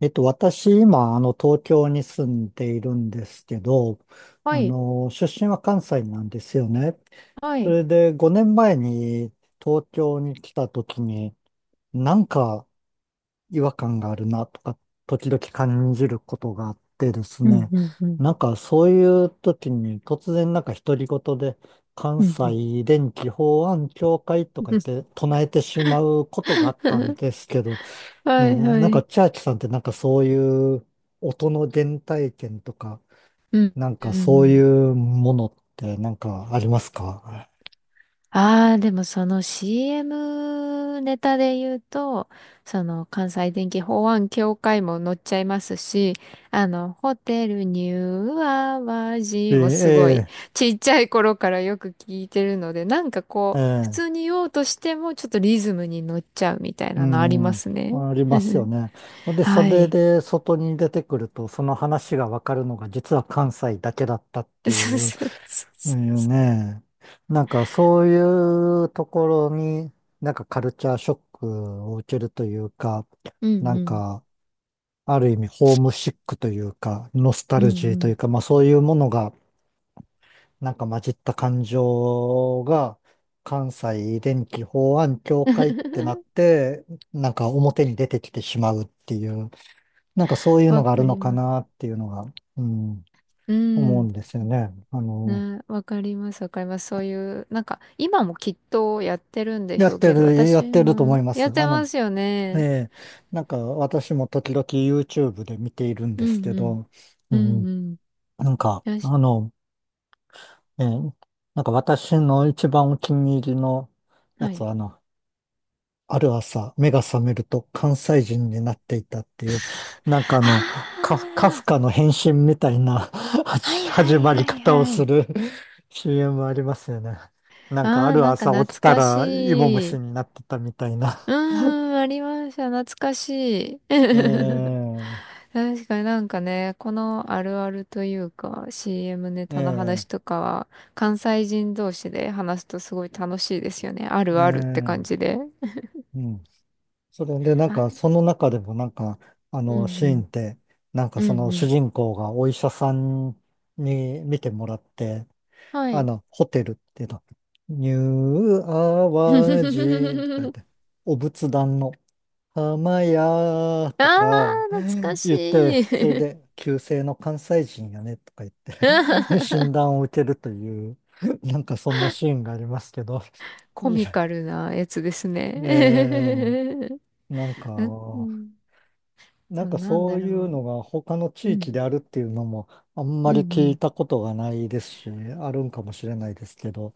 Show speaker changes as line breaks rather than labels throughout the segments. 私、今、東京に住んでいるんですけど、
はい、
出身は関西なんですよね。
は
そ
い。
れで、5年前に東京に来た時に、なんか違和感があるなとか、時々感じることがあってです
うん、
ね、
うん、うん、
なんかそういう時に突然なんか独り言で、関
うん、
西電気法案協会とか言
う
って唱えてしまうこ
ん。
とがあったん ですけど、ね
はい
え、
は
なんか
い。
チャーチさんってなんかそういう音の原体験とか、
うん、
なん
う
かそうい
ん。
うものってなんかありますか？
ああ、でもその CM ネタで言うと、その関西電気法案協会も載っちゃいますし、あの、ホテルニューアワ
え
ジもすごい
え、
ちっちゃい頃からよく聞いてるので、なんか
ええ、
こう、普
ええ、
通に言おうとしてもちょっとリズムに乗っちゃうみたい
う
なのあり
ん、
ま
うん。
すね。
ありますよ ね。で、そ
は
れ
い。
で外に出てくると、その話がわかるのが実は関西だけだったってい
そう
う、
そうそ
う
う、
んね。なんかそういうところになんかカルチャーショックを受けるというか、
う
な
んう
ん
ん。
か、ある意味ホームシックというか、ノスタ
うん
ルジー
う
とい
ん。
うか、まあそういうものが、なんか混じった感情が、関西電気法案協会ってなっ て、なんか表に出てきてしまうっていう、なんかそういうの
わ
があ
か
る
り
のか
ま
な
す。
っていうのが、うん、
う
思う
ん。
んですよね。
ね、わかります、わかります。そういう、なんか、今もきっとやってるんで
や
しょ
っ
う
て
けど、
る、や
私
ってると思い
も
ま
や
す。
ってますよ
え
ね。
え、なんか私も時々 YouTube で見ているん
う
です
ん
け
うん。
ど、う
うん
ん、
うん。
なんか、
よし。
ええ、なんか私の一番お気に入りのや
は
つ
い。
は、ある朝、目が覚めると関西人になっていたっていう、なんか
あ
カフ、カフ
あ、
カの変身みたいな
は
始
いは
始
い
ま
は
り
い
方を
は
す
い。
る CM ありますよね。なんかあ
ああ、
る
なんか
朝
懐
起きた
か
ら芋
し
虫
い。
になってたみたい
う
な。
ーん、ありました。懐かしい。
ええ
確かになんかね、このあるあるというか CM ネタの話
え
と
え
かは関西人同士で話すとすごい楽しいですよね。あるあるって感じ
ええ、
で。
うん。それで、なんか、
あ、
その中でも、なんか、
うんう
シーン
ん。
って、なんか、
う
そ
ん
の
う
主
ん。
人公がお医者さんに見てもらって、
はい。
ホテルっていうの、ニューアワジとか言っ て、お仏壇の浜屋
あ
とか
ー、懐かし
言って、そ
い。
れで、旧姓の関西人やねとか言って 診断を受けるという、なんか、そんなシーンがありますけど、
コ
い
ミ
や、
カルなやつですね。
え ー、なん
う
か、
ん、そう、なん
そ
だ
ういう
ろ
のが他の
う。
地
う
域であ
ん
るっていうのもあんま
うん。
り
うん
聞
う
い
ん。
たことがないですし、あるんかもしれないですけど、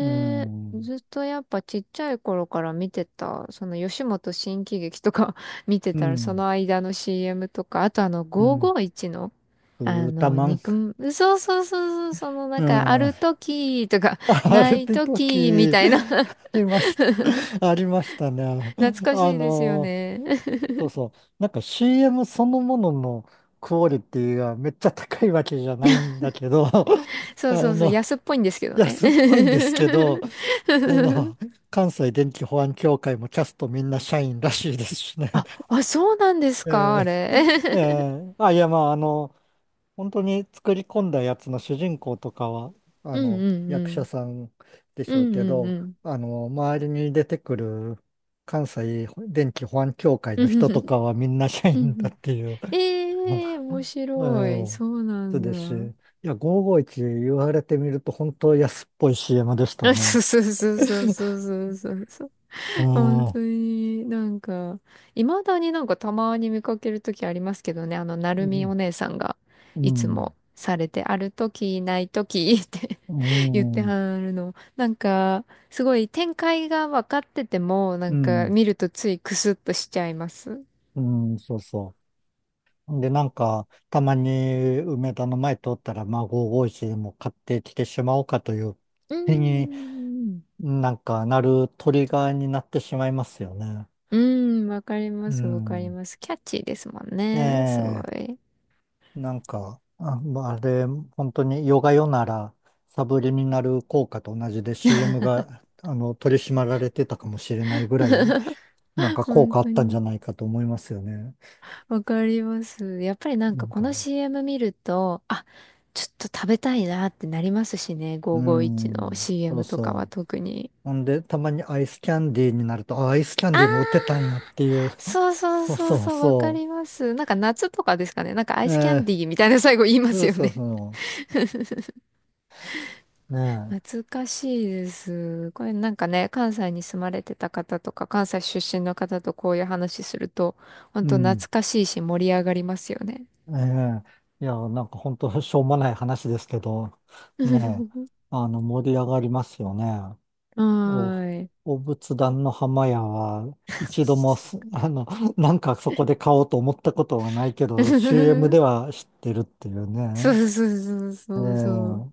う
え、
ん、
ずっとやっぱちっちゃい頃から見てた、その吉本新喜劇とか 見て
う
たら、そ
ん、
の間の CM とか、あとあの
うん、
551の、
ブ
あ
ータ
の、
マン、
そうそうそうそう、そのな
う
んか、あ
ん、
る 時とか、
あ
な
るっ
い
て
時み
時、
たいな。
ありました。ありましたね。
懐か
あ
しいですよ
の、
ね。
そうそう、なんか CM そのもののクオリティがめっちゃ高いわけじゃないんだけど、
そうそうそう、
の、
安っぽいんですけどね。
安っぽいんですけど、あ の、関西電気保安協会もキャストみんな社員らしいですしね。
あ、あ、そうなんで すか、あ
え
れ。
ええ ーあ、いや、まあ、本当に作り込んだやつの主人公とかは、
うん
役
う
者
ん
さんでし
う
ょう
ん。
け
うんうん
ど、
うん。
周りに出てくる関西電気保安協会
う
の
ん
人
う
と
ん
かはみんな社
う
員だ
ん。
っていう、
ええ、面
え
白い。
え。
そうな
そう
ん
ですし、
だ。
いや、551言われてみると本当安っぽい CM でし た
そ
ね。
うそうそうそうそうそうそうそう。
う
本
ん。
当
う
になんか、いまだになんかたまに見かけるときありますけどね、あの、なるみ
ん。
お姉さんが
う
いつ
ん
もされて、あるとき、ないときって
う
言って
ん、
はるの。なんか、すごい展開が分かってても、な
う
んか
ん、
見るとついクスッとしちゃいます。う
うん、そうそう。で、なんか、たまに梅田の前通ったら、まあ、551でも買ってきてしまおうかという
ー
気に
ん。
なんかなるトリガーになってしまいますよね。
うん、わかりま
う
す、わかり
ん。
ます。キャッチーですもん
え
ね。すご
え、
い。
なんか、あ、まああれ、本当にヨガヨなら、サブリミナル効果と同じで CM が、取り締まられてたかもしれないぐらい、なん か効
本
果あ
当
ったんじ
に。
ゃないかと思いますよね。
わかります。やっぱりなん
な
か
ん
こ
か。
の CM 見ると、あ、ちょっと食べたいなってなりますしね。
うー
551の
ん、そう
CM とかは
そう。
特に。
ほんで、たまにアイスキャンディーになると、あ、アイスキャンディーも売ってたんやっていう。
そう そう
そう
そう
そう
そう、わか
そ
ります。なんか夏とかですかね。なんかア
う。
イスキャン
え
ディーみたいな最後言いま
ー、そ
す
う
よ
そう
ね。
そう。ね
難しいです。これなんかね、関西に住まれてた方とか、関西出身の方とこういう話すると、
え、
本
う
当
ん。
懐かしいし盛り上がりますよね。
ええ。いや、なんか本当しょうもない話ですけど、ねえ、盛り上がりますよね。
は
お、
ーい。
お仏壇の浜屋は、一度もす、なんかそこで買おうと思ったことはないけど、CM では知ってるっていう
そ
ね。
うそうそう
え
そうそう。
え。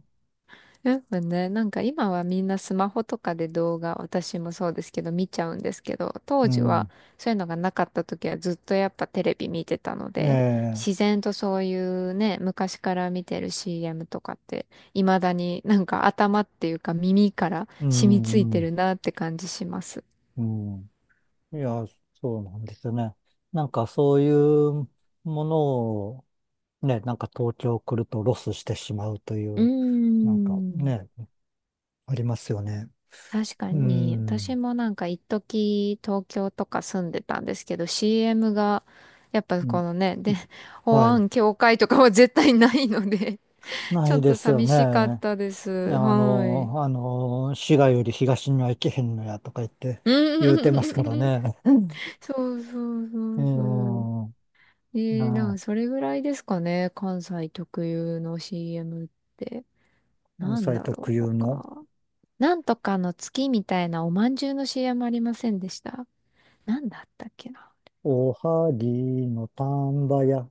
やっぱね、なんか今はみんなスマホとかで動画、私もそうですけど見ちゃうんですけど、当
う
時は
ん。
そういうのがなかった時はずっとやっぱテレビ見てたの
え
で、
え、
自然とそういうね、昔から見てる CM とかって、未だになんか頭っていうか耳から
う
染みつい
ん、う
てる
ん、
なって感じします。
うん。いや、そうなんですよね。なんかそういうものを、ね、なんか東京来るとロスしてしまうとい
うー
う、なんか
ん。
ね、ありますよね。
確か
う
に、私
ん、
もなんか一時東京とか住んでたんですけど、CM が、やっぱ
うん、
このね、で、保
はい。
安協会とかは絶対ないので、
な
ちょ
い
っ
で
と
すよ
寂しかっ
ね。
たです。はい。
滋賀より東には行けへんのやとか言って言うてますから
うん。
ね。
そうそうそ
う
うそう。
ん、
えー、
な
なん
あ、
かそれぐらいですかね、関西特有の CM って。
関
なん
西
だ
特
ろう、
有の、
他。なんとかの月みたいなおまんじゅうの CM ありませんでした？なんだったっけな。
おはぎの丹波屋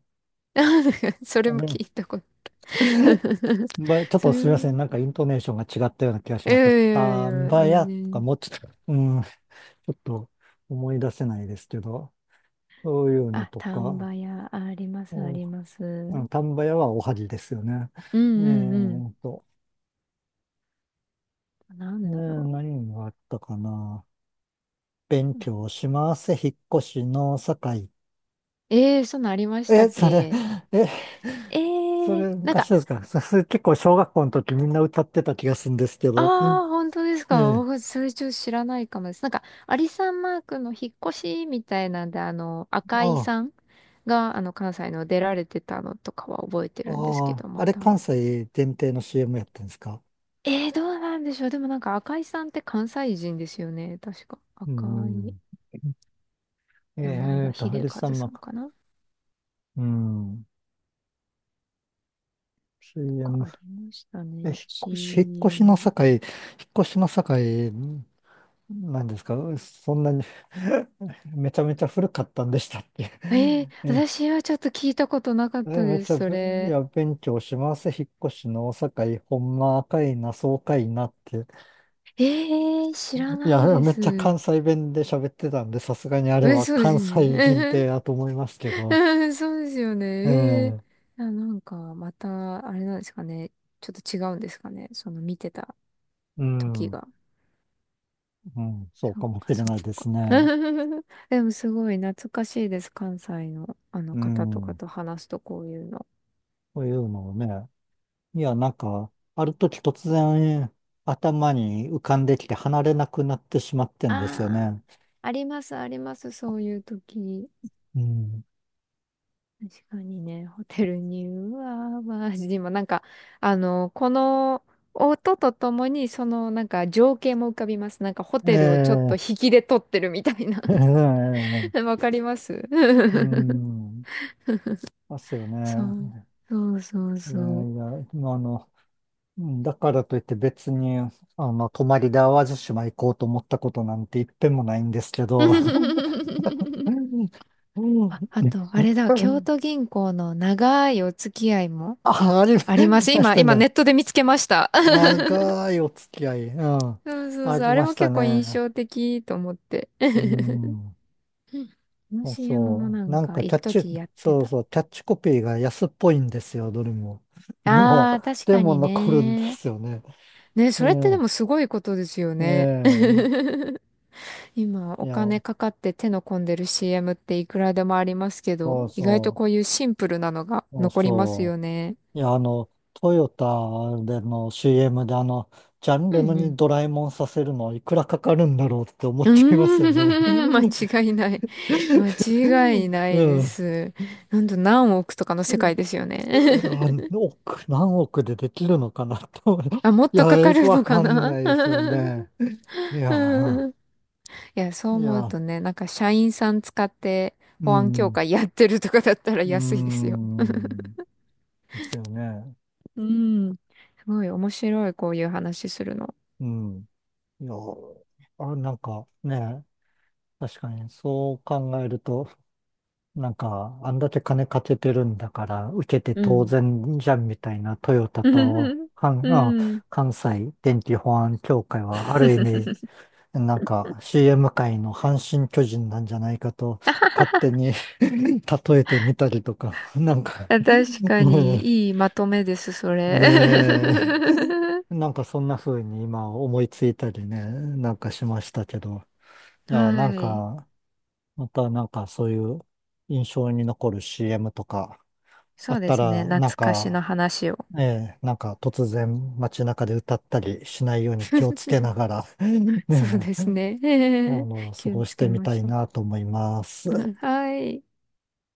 それ
あ
も
で
聞いたこと。
ば、ちょっ
そ
と
れ
すみません。
も、
なんかイントネーションが違ったような気がし
いや
ました。
いやい
あー、
や、
ばや
全
とか
然。
もうちょっと、うん、ちょっと思い出せないですけど、そういうの
あ、
と
丹
か、
波屋、あります、あ
お、
ります。う
う
ん
ん、丹波屋はおはぎですよね。
う
え
んうん。
ーと、
なんだろ
何があったかな。勉強
う。
します。引っ越しの境。
えー、そんなんありました
え、
っ
それ、
け？
え、
え
そ
ー、
れ
なん
昔
か、
ですかそれ結構小学校の時みんな歌ってた気がするんですけ
あ
ど。うん、
あ、本当です
え
か？
え。
僕、それちょっと知らないかもです。なんか、アリサンマークの引っ越しみたいなんで、あの、赤井
ああ。
さんが、あの、関西の出られてたのとかは覚えてるんですけ
ああ、
ど、
あ
ま
れ
た。
関西限定の CM やってんですか？
えー、どうなんでしょう。でもなんか赤井さんって関西人ですよね。確か。
う
赤い
ん。
名前が
ハ
秀
リ
和
さん
さん
幕。
かな
うん。
とか
CM。
ありました
え、引っ
ね。
越し、引っ越しの
CM。
境、引っ越しの境、んなんですかそんなに めちゃめちゃ古かったんでしたっけ？
えー、
え、
私はちょっと聞いたことなかっ
え
た
めっ
で
ち
す、
ゃ
そ
ぶ、い
れ。
や、勉強します。引っ越しの境、ほんま赤いな、爽快なって。
えー、知ら
い
ない
や、
で
めっちゃ
す。
関西弁で喋ってたんで、さすがにあれ
え、
は
そうです
関
よ
西限
ね。
定だと思いますけ ど。
うん、そうですよね。
え
え
え、
ー、あ、なんかまた、あれなんですかね。ちょっと違うんですかね。その見てた
う
時
ん、う
が。
ん、そう
そ
か
っ
もし
か
れ
そ
ない
っ
で
か。
すね。
でもすごい懐かしいです。関西のあの
う
方とか
ん、
と話すとこういうの。
そういうのをね。いや、なんか、ある時突然頭に浮かんできて離れなくなってしまってんですよ
ああ、
ね。
ありますあります。そういう時。
うん、
確かにね、ホテルに、うわー、マジで今なんか、あの、この音とともに、そのなんか情景も浮かびます。なんかホ
え
テルをちょっと
え、
引きで撮ってるみたいな。
え え、
わかります。
うん、ますよ
そう、
ね。
そうそう
いや
そう。
いや、まあうんだからといって別に、泊まりで淡路島行こうと思ったことなんて一遍もないんですけど、う んう
あ、あと、あれだ、京
ん
都銀行の長いお付き合いも
あ、あり
あります。
まし
今、
た
今ネ
ね。
ットで見つけました。
長いお付き合い。うん。
そうそう
あ
そう、
り
あれ
まし
も
た
結構印
ね。
象的と思って。う
う
ん、
ん。
こ の
そう
CM も
そ
な
う。な
ん
ん
か、
か
一
キャッチ、
時やって
そう
た。
そう、キャッチコピーが安っぽいんですよ、どれも。でも、
あー、確
で
か
も
に
残るんで
ね。
すよね。
ね、
う
それってで
ん。
もすごいことですよね。
ええ。
今、
い
お
や、
金かかって手の込んでる CM っていくらでもありますけど、
そう
意外と
そ
こ
う。
ういうシンプルなのが
そう
残ります
そ
よね。
う。いや、トヨタでの CM でジャンレ
う
ノ
んう
に
ん。
ドラえもんさせるのいくらかかるんだろうって思
う
っちゃいますよ
ーん、
ね。
間違いない。間
う
違い
ん。
ない
う
で
ん。
す。なんと何億とかの世界ですよね。
億、何億でできるのかなと思う。
あ、もっ
いや、
とかか
よく
る
わ
のか
かん
な。
ない ですよね。い
う
や、
ん、いや、そう
い
思う
や、
とね、なんか社員さん使って
う
保安協
ん、
会やってるとかだったら
う
安いですよ。
ん、ですよね。
うん。すごい面白い、こういう話するの。
うん。いや、あ、なんかね、確かにそう考えると、なんか、あんだけ金かけてるんだから、受けて
う
当
ん。
然じゃんみたいなトヨタと、
うん。
関西電気保安協会は、ある意味、なんか CM 界の阪神巨人なんじゃないかと勝手に 例えてみたりとか、なんか
あ、確か
うん
に、いいまとめです、そ れ。
ね え、なんかそんな風に今思いついたりね、なんかしましたけど、い
は
や、なん
い。
か、またなんかそういう印象に残る CM とかあ
そ
っ
うで
た
すね。
ら、なん
懐かし
か、
の話を。
ええ、なんか突然街中で歌ったりしないように気をつけながら、
そう
ね
で
え、
すね。
過
気を
ごし
つけ
てみ
ま
たい
しょ
なと思います。
う。うん、はい。